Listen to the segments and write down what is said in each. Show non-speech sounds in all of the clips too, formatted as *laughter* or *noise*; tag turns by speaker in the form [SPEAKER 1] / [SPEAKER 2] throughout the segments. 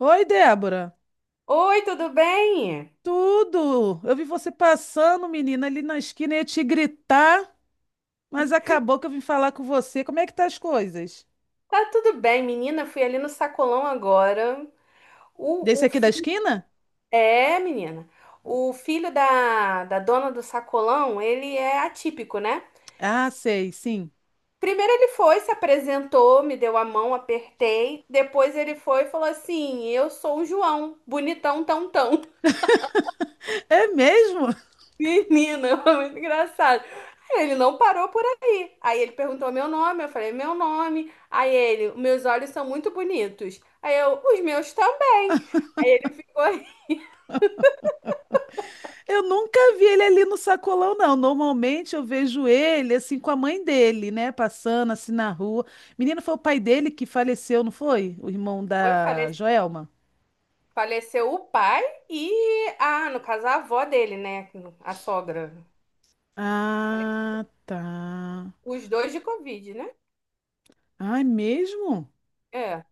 [SPEAKER 1] Oi, Débora.
[SPEAKER 2] Oi, tudo bem?
[SPEAKER 1] Tudo! Eu vi você passando, menina, ali na esquina ia te gritar, mas acabou que eu vim falar com você. Como é que tá as coisas?
[SPEAKER 2] Tá tudo bem, menina. Fui ali no sacolão agora. O,
[SPEAKER 1] Desse
[SPEAKER 2] o
[SPEAKER 1] aqui da
[SPEAKER 2] filho.
[SPEAKER 1] esquina?
[SPEAKER 2] É, menina. O filho da dona do sacolão, ele é atípico, né?
[SPEAKER 1] Ah, sei, sim.
[SPEAKER 2] Primeiro ele foi, se apresentou, me deu a mão, apertei. Depois ele foi e falou assim: eu sou o João, bonitão, tão, tão.
[SPEAKER 1] É mesmo?
[SPEAKER 2] Menina, *laughs* foi muito engraçado. Aí ele não parou por aí. Aí ele perguntou meu nome, eu falei meu nome. Aí ele, meus olhos são muito bonitos. Aí eu, os meus também. Aí ele ficou,
[SPEAKER 1] Eu nunca vi ele ali no sacolão, não. Normalmente eu vejo ele assim com a mãe dele, né? Passando assim na rua. Menina, foi o pai dele que faleceu, não foi? O irmão
[SPEAKER 2] foi,
[SPEAKER 1] da Joelma?
[SPEAKER 2] faleceu o pai e ah, no caso a avó dele, né, a sogra.
[SPEAKER 1] Ah, tá.
[SPEAKER 2] Os dois de Covid, né?
[SPEAKER 1] Ah, é mesmo?
[SPEAKER 2] É.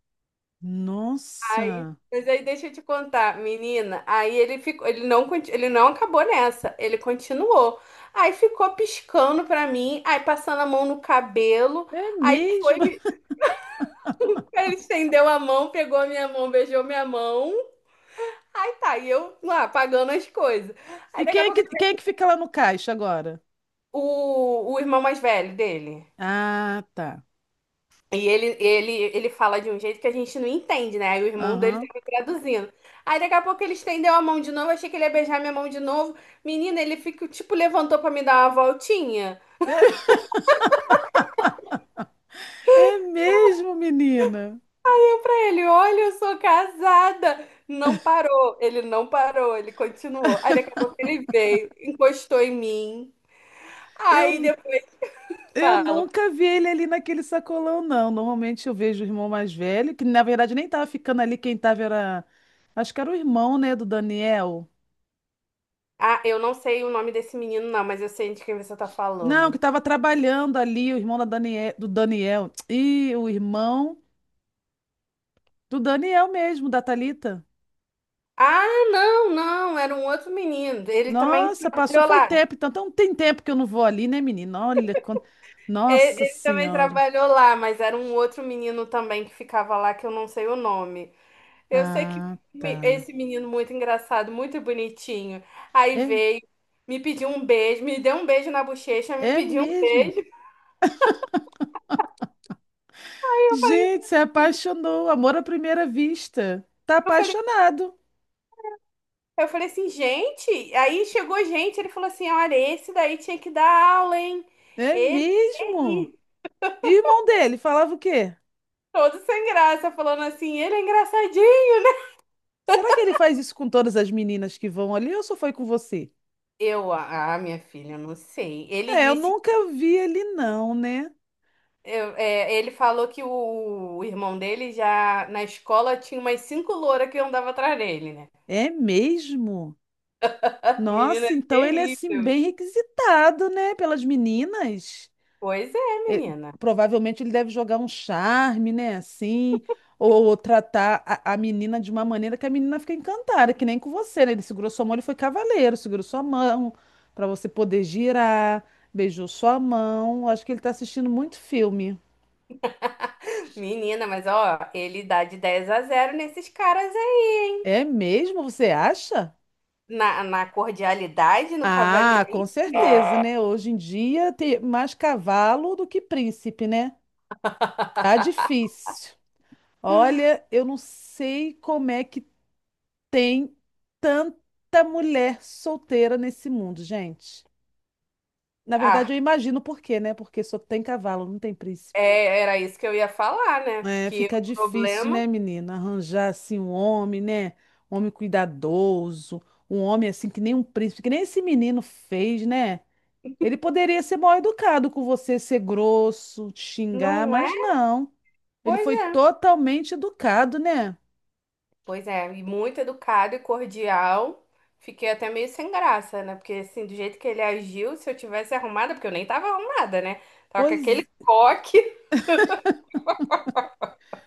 [SPEAKER 2] Aí,
[SPEAKER 1] Nossa.
[SPEAKER 2] mas aí deixa eu te contar, menina. Aí ele ficou, ele não, ele não acabou nessa, ele continuou. Aí ficou piscando pra mim, aí passando a mão no cabelo.
[SPEAKER 1] É
[SPEAKER 2] Aí foi,
[SPEAKER 1] mesmo? *laughs*
[SPEAKER 2] ele estendeu a mão, pegou a minha mão, beijou minha mão. Aí tá, e eu lá pagando as coisas. Aí
[SPEAKER 1] E
[SPEAKER 2] daqui
[SPEAKER 1] quem
[SPEAKER 2] a
[SPEAKER 1] é
[SPEAKER 2] pouco
[SPEAKER 1] que, quem é
[SPEAKER 2] ele,
[SPEAKER 1] que fica lá no caixa agora?
[SPEAKER 2] o irmão mais velho dele.
[SPEAKER 1] Ah, tá.
[SPEAKER 2] E ele fala de um jeito que a gente não entende, né? Aí o irmão dele
[SPEAKER 1] Aham.
[SPEAKER 2] tava traduzindo. Aí daqui a pouco ele estendeu a mão de novo, achei que ele ia beijar minha mão de novo. Menina, ele fica, tipo, levantou pra me dar uma voltinha.
[SPEAKER 1] *laughs* É mesmo, menina.
[SPEAKER 2] Pra ele, olha, eu sou casada. Não parou, ele não parou, ele continuou. Aí daqui a pouco ele veio, encostou em mim. Aí
[SPEAKER 1] Eu,
[SPEAKER 2] depois eu
[SPEAKER 1] eu
[SPEAKER 2] falo.
[SPEAKER 1] nunca vi ele ali naquele sacolão, não. Normalmente eu vejo o irmão mais velho, que na verdade nem tava ficando ali, quem tava era. Acho que era o irmão, né, do Daniel.
[SPEAKER 2] Ah, eu não sei o nome desse menino, não, mas eu sei de quem você tá
[SPEAKER 1] Não, que
[SPEAKER 2] falando.
[SPEAKER 1] tava trabalhando ali, o irmão da Daniel, do Daniel. *tsk* E o irmão do Daniel mesmo, da Thalita.
[SPEAKER 2] Ah, não, não, era um outro menino. Ele também
[SPEAKER 1] Nossa, passou
[SPEAKER 2] trabalhou
[SPEAKER 1] foi
[SPEAKER 2] lá.
[SPEAKER 1] tempo, então, então tem tempo que eu não vou ali, né, menina? Olha, quant-
[SPEAKER 2] Ele,
[SPEAKER 1] Nossa
[SPEAKER 2] ele também
[SPEAKER 1] Senhora.
[SPEAKER 2] trabalhou lá, mas era um outro menino também que ficava lá que eu não sei o nome. Eu sei que
[SPEAKER 1] Ah, tá.
[SPEAKER 2] esse menino muito engraçado, muito bonitinho. Aí
[SPEAKER 1] É,
[SPEAKER 2] veio, me pediu um beijo, me deu um beijo na bochecha, me
[SPEAKER 1] é
[SPEAKER 2] pediu um
[SPEAKER 1] mesmo.
[SPEAKER 2] beijo.
[SPEAKER 1] Gente, se apaixonou, amor à primeira vista. Tá
[SPEAKER 2] Eu falei,
[SPEAKER 1] apaixonado.
[SPEAKER 2] eu falei assim, gente. Aí chegou gente, ele falou assim: olha, esse daí tinha que dar aula, hein?
[SPEAKER 1] É mesmo.
[SPEAKER 2] Ele,
[SPEAKER 1] E o irmão dele falava o quê?
[SPEAKER 2] todo sem graça, falando assim, ele é engraçadinho.
[SPEAKER 1] Será que ele faz isso com todas as meninas que vão ali ou só foi com você?
[SPEAKER 2] Eu, ah, minha filha, eu não sei. Ele
[SPEAKER 1] É, eu
[SPEAKER 2] disse,
[SPEAKER 1] nunca vi ele não, né?
[SPEAKER 2] É, ele falou que o irmão dele já na escola tinha umas cinco louras que andava atrás dele, né?
[SPEAKER 1] É mesmo.
[SPEAKER 2] Menina,
[SPEAKER 1] Nossa,
[SPEAKER 2] é
[SPEAKER 1] então ele é assim
[SPEAKER 2] terrível.
[SPEAKER 1] bem requisitado, né, pelas meninas.
[SPEAKER 2] Pois é,
[SPEAKER 1] eh,
[SPEAKER 2] menina.
[SPEAKER 1] Provavelmente ele deve jogar um charme, né? Assim, ou tratar a menina de uma maneira que a menina fica encantada, que nem com você, né? Ele segurou sua mão, ele foi cavaleiro, segurou sua mão para você poder girar, beijou sua mão. Acho que ele tá assistindo muito filme.
[SPEAKER 2] Menina, mas ó, ele dá de 10-0 nesses caras aí.
[SPEAKER 1] É mesmo? Você acha?
[SPEAKER 2] Na cordialidade, no
[SPEAKER 1] Ah, com
[SPEAKER 2] cavalheirismo.
[SPEAKER 1] certeza, né? Hoje em dia tem mais cavalo do que príncipe, né? Tá difícil. Olha, eu não sei como é que tem tanta mulher solteira nesse mundo, gente. Na verdade,
[SPEAKER 2] Ah,
[SPEAKER 1] eu imagino por quê, né? Porque só tem cavalo, não tem príncipe.
[SPEAKER 2] é, era isso que eu ia falar, né?
[SPEAKER 1] É,
[SPEAKER 2] Que
[SPEAKER 1] fica
[SPEAKER 2] o
[SPEAKER 1] difícil, né,
[SPEAKER 2] problema
[SPEAKER 1] menina? Arranjar assim um homem, né? Um homem cuidadoso, um homem assim que nem um príncipe, que nem esse menino fez, né? Ele poderia ser mal educado com você, ser grosso, te xingar,
[SPEAKER 2] não é.
[SPEAKER 1] mas não. Ele
[SPEAKER 2] Pois
[SPEAKER 1] foi
[SPEAKER 2] é.
[SPEAKER 1] totalmente educado, né?
[SPEAKER 2] Pois é, e muito educado e cordial. Fiquei até meio sem graça, né? Porque assim, do jeito que ele agiu, se eu tivesse arrumada, porque eu nem tava arrumada, né? Tava com
[SPEAKER 1] Pois.
[SPEAKER 2] aquele coque.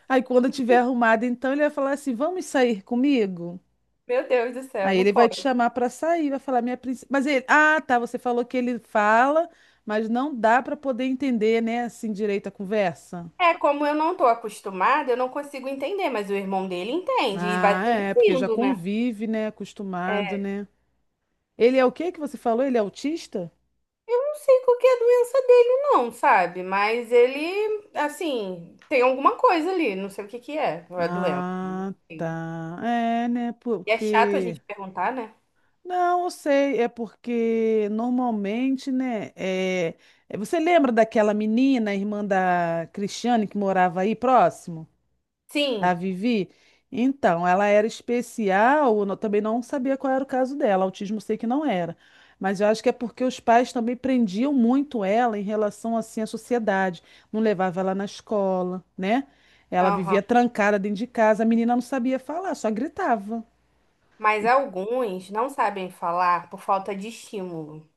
[SPEAKER 1] Aí quando eu tiver arrumado, então ele vai falar assim: vamos sair comigo?
[SPEAKER 2] *laughs* Meu Deus do céu,
[SPEAKER 1] Aí
[SPEAKER 2] não
[SPEAKER 1] ele vai te
[SPEAKER 2] pode.
[SPEAKER 1] chamar pra sair, vai falar minha princesa. Mas ele, ah, tá, você falou que ele fala, mas não dá pra poder entender, né, assim direito a conversa.
[SPEAKER 2] É, como eu não tô acostumada, eu não consigo entender, mas o irmão dele entende e vai
[SPEAKER 1] Ah, é, porque já
[SPEAKER 2] traduzindo, né?
[SPEAKER 1] convive, né, acostumado, né? Ele é o que que você falou? Ele é autista?
[SPEAKER 2] Não sei qual que é a doença dele, não, sabe? Mas ele, assim, tem alguma coisa ali, não sei o que que é, a doença.
[SPEAKER 1] Ah,
[SPEAKER 2] E
[SPEAKER 1] tá. É, né,
[SPEAKER 2] é chato a
[SPEAKER 1] porque
[SPEAKER 2] gente perguntar, né?
[SPEAKER 1] não, eu sei, é porque normalmente, né, é... é, você lembra daquela menina, irmã da Cristiane que morava aí próximo? A
[SPEAKER 2] Sim,
[SPEAKER 1] Vivi? Então, ela era especial, eu não- também não sabia qual era o caso dela, autismo eu sei que não era. Mas eu acho que é porque os pais também prendiam muito ela em relação assim à sociedade, não levava ela na escola, né? Ela
[SPEAKER 2] aham.
[SPEAKER 1] vivia trancada dentro de casa, a menina não sabia falar, só gritava.
[SPEAKER 2] Mas
[SPEAKER 1] E
[SPEAKER 2] alguns não sabem falar por falta de estímulo,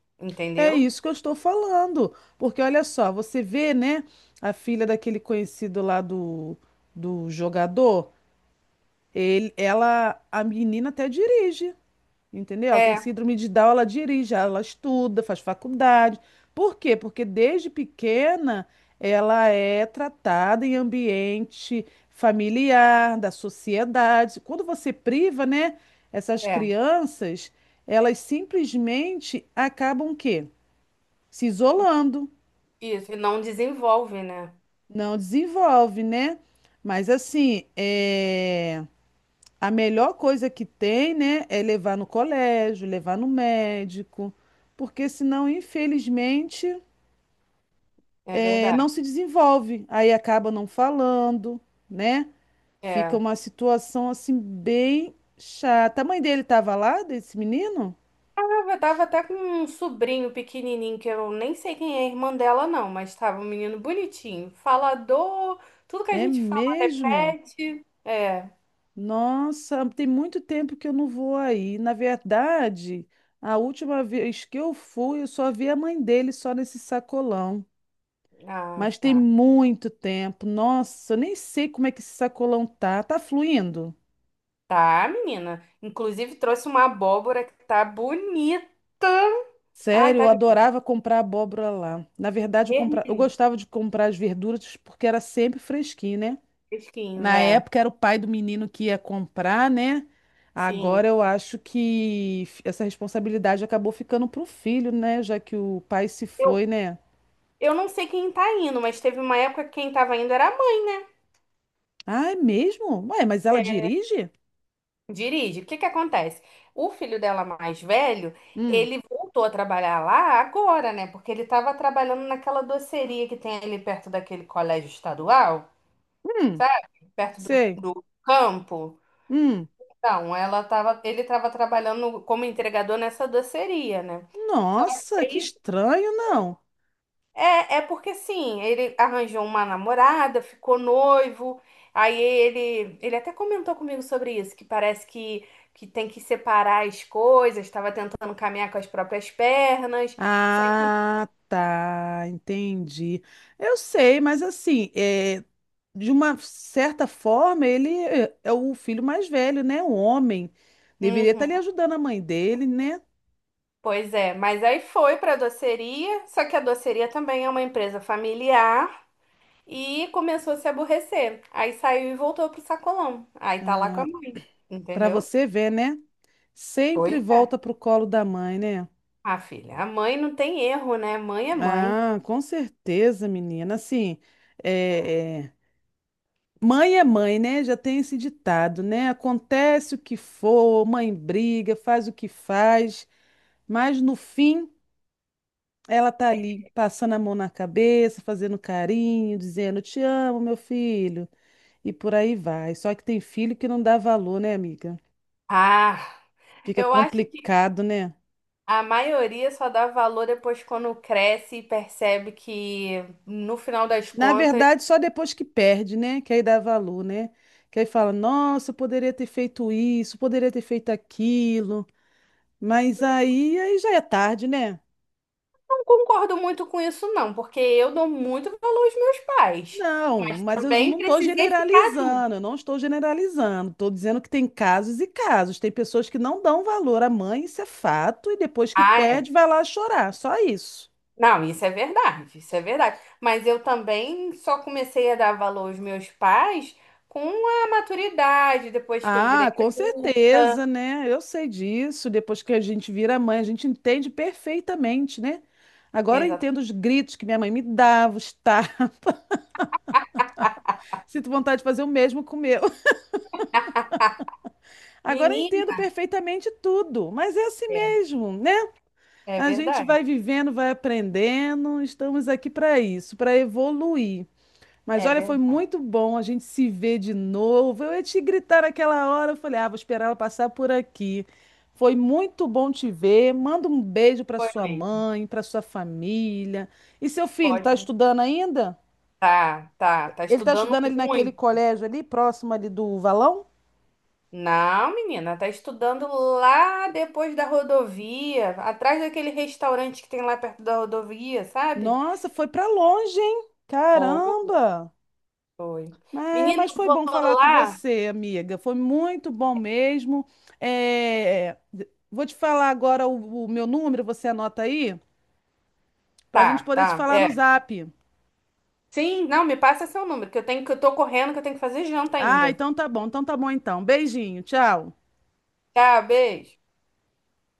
[SPEAKER 1] é
[SPEAKER 2] entendeu?
[SPEAKER 1] isso que eu estou falando, porque olha só, você vê, né, a filha daquele conhecido lá do jogador, ele, ela, a menina até dirige. Entendeu? Ela tem
[SPEAKER 2] É,
[SPEAKER 1] síndrome de Down, ela dirige, ela estuda, faz faculdade. Por quê? Porque desde pequena ela é tratada em ambiente familiar, da sociedade. Quando você priva, né, essas
[SPEAKER 2] é.
[SPEAKER 1] crianças, elas simplesmente acabam o quê? Se isolando,
[SPEAKER 2] Isso, e não desenvolve, né?
[SPEAKER 1] não desenvolve, né? Mas assim, é... A melhor coisa que tem, né, é levar no colégio, levar no médico, porque senão, infelizmente,
[SPEAKER 2] É verdade.
[SPEAKER 1] não se desenvolve. Aí acaba não falando, né? Fica
[SPEAKER 2] É.
[SPEAKER 1] uma situação assim bem chata. A mãe dele estava lá, desse menino?
[SPEAKER 2] Eu tava até com um sobrinho pequenininho, que eu nem sei quem é a irmã dela, não, mas tava um menino bonitinho, falador, tudo que a
[SPEAKER 1] É
[SPEAKER 2] gente
[SPEAKER 1] mesmo?
[SPEAKER 2] falete. É.
[SPEAKER 1] Nossa, tem muito tempo que eu não vou aí. Na verdade, a última vez que eu fui, eu só vi a mãe dele só nesse sacolão.
[SPEAKER 2] Ah,
[SPEAKER 1] Mas tem
[SPEAKER 2] tá.
[SPEAKER 1] muito tempo. Nossa, eu nem sei como é que esse sacolão tá. Tá fluindo.
[SPEAKER 2] Tá, menina. Inclusive trouxe uma abóbora que tá bonita. Ai,
[SPEAKER 1] Sério,
[SPEAKER 2] tá
[SPEAKER 1] eu
[SPEAKER 2] lindo.
[SPEAKER 1] adorava comprar abóbora lá. Na verdade, eu compra... eu gostava de comprar as verduras porque era sempre fresquinho, né?
[SPEAKER 2] Vermelhinho,
[SPEAKER 1] Na
[SPEAKER 2] é.
[SPEAKER 1] época era o pai do menino que ia comprar, né?
[SPEAKER 2] Sim.
[SPEAKER 1] Agora eu acho que f- essa responsabilidade acabou ficando pro filho, né? Já que o pai se foi, né?
[SPEAKER 2] Eu não sei quem tá indo, mas teve uma época que quem tava indo era a mãe.
[SPEAKER 1] Ah, é mesmo? Ué, mas ela
[SPEAKER 2] Né?
[SPEAKER 1] dirige?
[SPEAKER 2] Dirige. O que que acontece? O filho dela mais velho,
[SPEAKER 1] Hum,
[SPEAKER 2] ele voltou a trabalhar lá agora, né? Porque ele tava trabalhando naquela doceria que tem ali perto daquele colégio estadual,
[SPEAKER 1] hum,
[SPEAKER 2] sabe? Perto do,
[SPEAKER 1] sei.
[SPEAKER 2] do campo.
[SPEAKER 1] Hum.
[SPEAKER 2] Então, ela tava, ele tava trabalhando como entregador nessa doceria, né? Só que
[SPEAKER 1] Nossa, que
[SPEAKER 2] aí,
[SPEAKER 1] estranho, não.
[SPEAKER 2] é porque assim, ele arranjou uma namorada, ficou noivo, aí ele até comentou comigo sobre isso, que parece que, tem que separar as coisas, estava tentando caminhar com as próprias pernas, só que...
[SPEAKER 1] Ah, tá, entendi. Eu sei, mas assim, é, de uma certa forma, ele é o filho mais velho, né? O homem. Deveria estar
[SPEAKER 2] Uhum,
[SPEAKER 1] ali ajudando a mãe dele, né?
[SPEAKER 2] pois é, mas aí foi para a doceria, só que a doceria também é uma empresa familiar e começou a se aborrecer, aí saiu e voltou pro sacolão, aí tá lá com a
[SPEAKER 1] Ah,
[SPEAKER 2] mãe,
[SPEAKER 1] para
[SPEAKER 2] entendeu?
[SPEAKER 1] você ver, né?
[SPEAKER 2] Pois
[SPEAKER 1] Sempre
[SPEAKER 2] é.
[SPEAKER 1] volta pro colo da mãe, né?
[SPEAKER 2] Ah, filha, a mãe não tem erro, né? Mãe é mãe.
[SPEAKER 1] Ah, com certeza, menina. Assim, é, é mãe, né? Já tem esse ditado, né? Acontece o que for, mãe briga, faz o que faz, mas no fim. Ela tá ali passando a mão na cabeça, fazendo carinho, dizendo te amo, meu filho, e por aí vai. Só que tem filho que não dá valor, né, amiga?
[SPEAKER 2] Ah,
[SPEAKER 1] Fica
[SPEAKER 2] eu acho que
[SPEAKER 1] complicado, né?
[SPEAKER 2] a maioria só dá valor depois quando cresce e percebe que, no final das
[SPEAKER 1] Na
[SPEAKER 2] contas,
[SPEAKER 1] verdade, só depois que perde, né? Que aí dá valor, né? Que aí fala, nossa, eu poderia ter feito isso, poderia ter feito aquilo. Mas aí já é tarde, né?
[SPEAKER 2] não concordo muito com isso, não, porque eu dou muito valor aos meus pais,
[SPEAKER 1] Não,
[SPEAKER 2] mas
[SPEAKER 1] mas eu
[SPEAKER 2] também
[SPEAKER 1] não estou
[SPEAKER 2] precisei ficar adulta.
[SPEAKER 1] generalizando, eu não estou generalizando. Estou dizendo que tem casos e casos. Tem pessoas que não dão valor à mãe, isso é fato, e depois que
[SPEAKER 2] Ah, é.
[SPEAKER 1] perde, vai lá chorar, só isso.
[SPEAKER 2] Não, isso é verdade, isso é verdade. Mas eu também só comecei a dar valor aos meus pais com a maturidade, depois que eu virei
[SPEAKER 1] Ah, com
[SPEAKER 2] adulta.
[SPEAKER 1] certeza, né? Eu sei disso. Depois que a gente vira mãe, a gente entende perfeitamente, né? Agora eu
[SPEAKER 2] Exato.
[SPEAKER 1] entendo os gritos que minha mãe me dava, os tapas. *laughs* Sinto vontade de fazer o mesmo com o meu. *laughs* Agora eu entendo
[SPEAKER 2] Menina,
[SPEAKER 1] perfeitamente tudo, mas é assim
[SPEAKER 2] é,
[SPEAKER 1] mesmo, né?
[SPEAKER 2] é
[SPEAKER 1] A gente
[SPEAKER 2] verdade,
[SPEAKER 1] vai vivendo, vai aprendendo, estamos aqui para isso, para evoluir. Mas
[SPEAKER 2] é
[SPEAKER 1] olha, foi
[SPEAKER 2] verdade.
[SPEAKER 1] muito bom a gente se ver de novo. Eu ia te gritar naquela hora, eu falei, ah, vou esperar ela passar por aqui. Foi muito bom te ver. Manda um beijo para
[SPEAKER 2] Foi
[SPEAKER 1] sua
[SPEAKER 2] mesmo,
[SPEAKER 1] mãe, para sua família. E seu filho, tá
[SPEAKER 2] pode
[SPEAKER 1] estudando ainda?
[SPEAKER 2] tá, tá, tá
[SPEAKER 1] Ele tá
[SPEAKER 2] estudando
[SPEAKER 1] estudando ali naquele
[SPEAKER 2] ruim.
[SPEAKER 1] colégio ali, próximo ali do Valão?
[SPEAKER 2] Não, menina, tá estudando lá depois da rodovia, atrás daquele restaurante que tem lá perto da rodovia, sabe?
[SPEAKER 1] Nossa, foi para longe, hein?
[SPEAKER 2] Oi,
[SPEAKER 1] Caramba!
[SPEAKER 2] foi.
[SPEAKER 1] É,
[SPEAKER 2] Menina,
[SPEAKER 1] mas
[SPEAKER 2] eu
[SPEAKER 1] foi
[SPEAKER 2] vou
[SPEAKER 1] bom falar com
[SPEAKER 2] lá.
[SPEAKER 1] você, amiga. Foi muito bom mesmo. É, d- vou te falar agora o meu número, você anota aí, para a gente
[SPEAKER 2] Tá,
[SPEAKER 1] poder se
[SPEAKER 2] tá,
[SPEAKER 1] falar no
[SPEAKER 2] é.
[SPEAKER 1] Zap.
[SPEAKER 2] Sim, não, me passa seu número, que eu tenho que eu tô correndo, que eu tenho que fazer janta
[SPEAKER 1] Ah,
[SPEAKER 2] ainda.
[SPEAKER 1] então tá bom, então tá bom então. Beijinho, tchau.
[SPEAKER 2] Tá, beijo.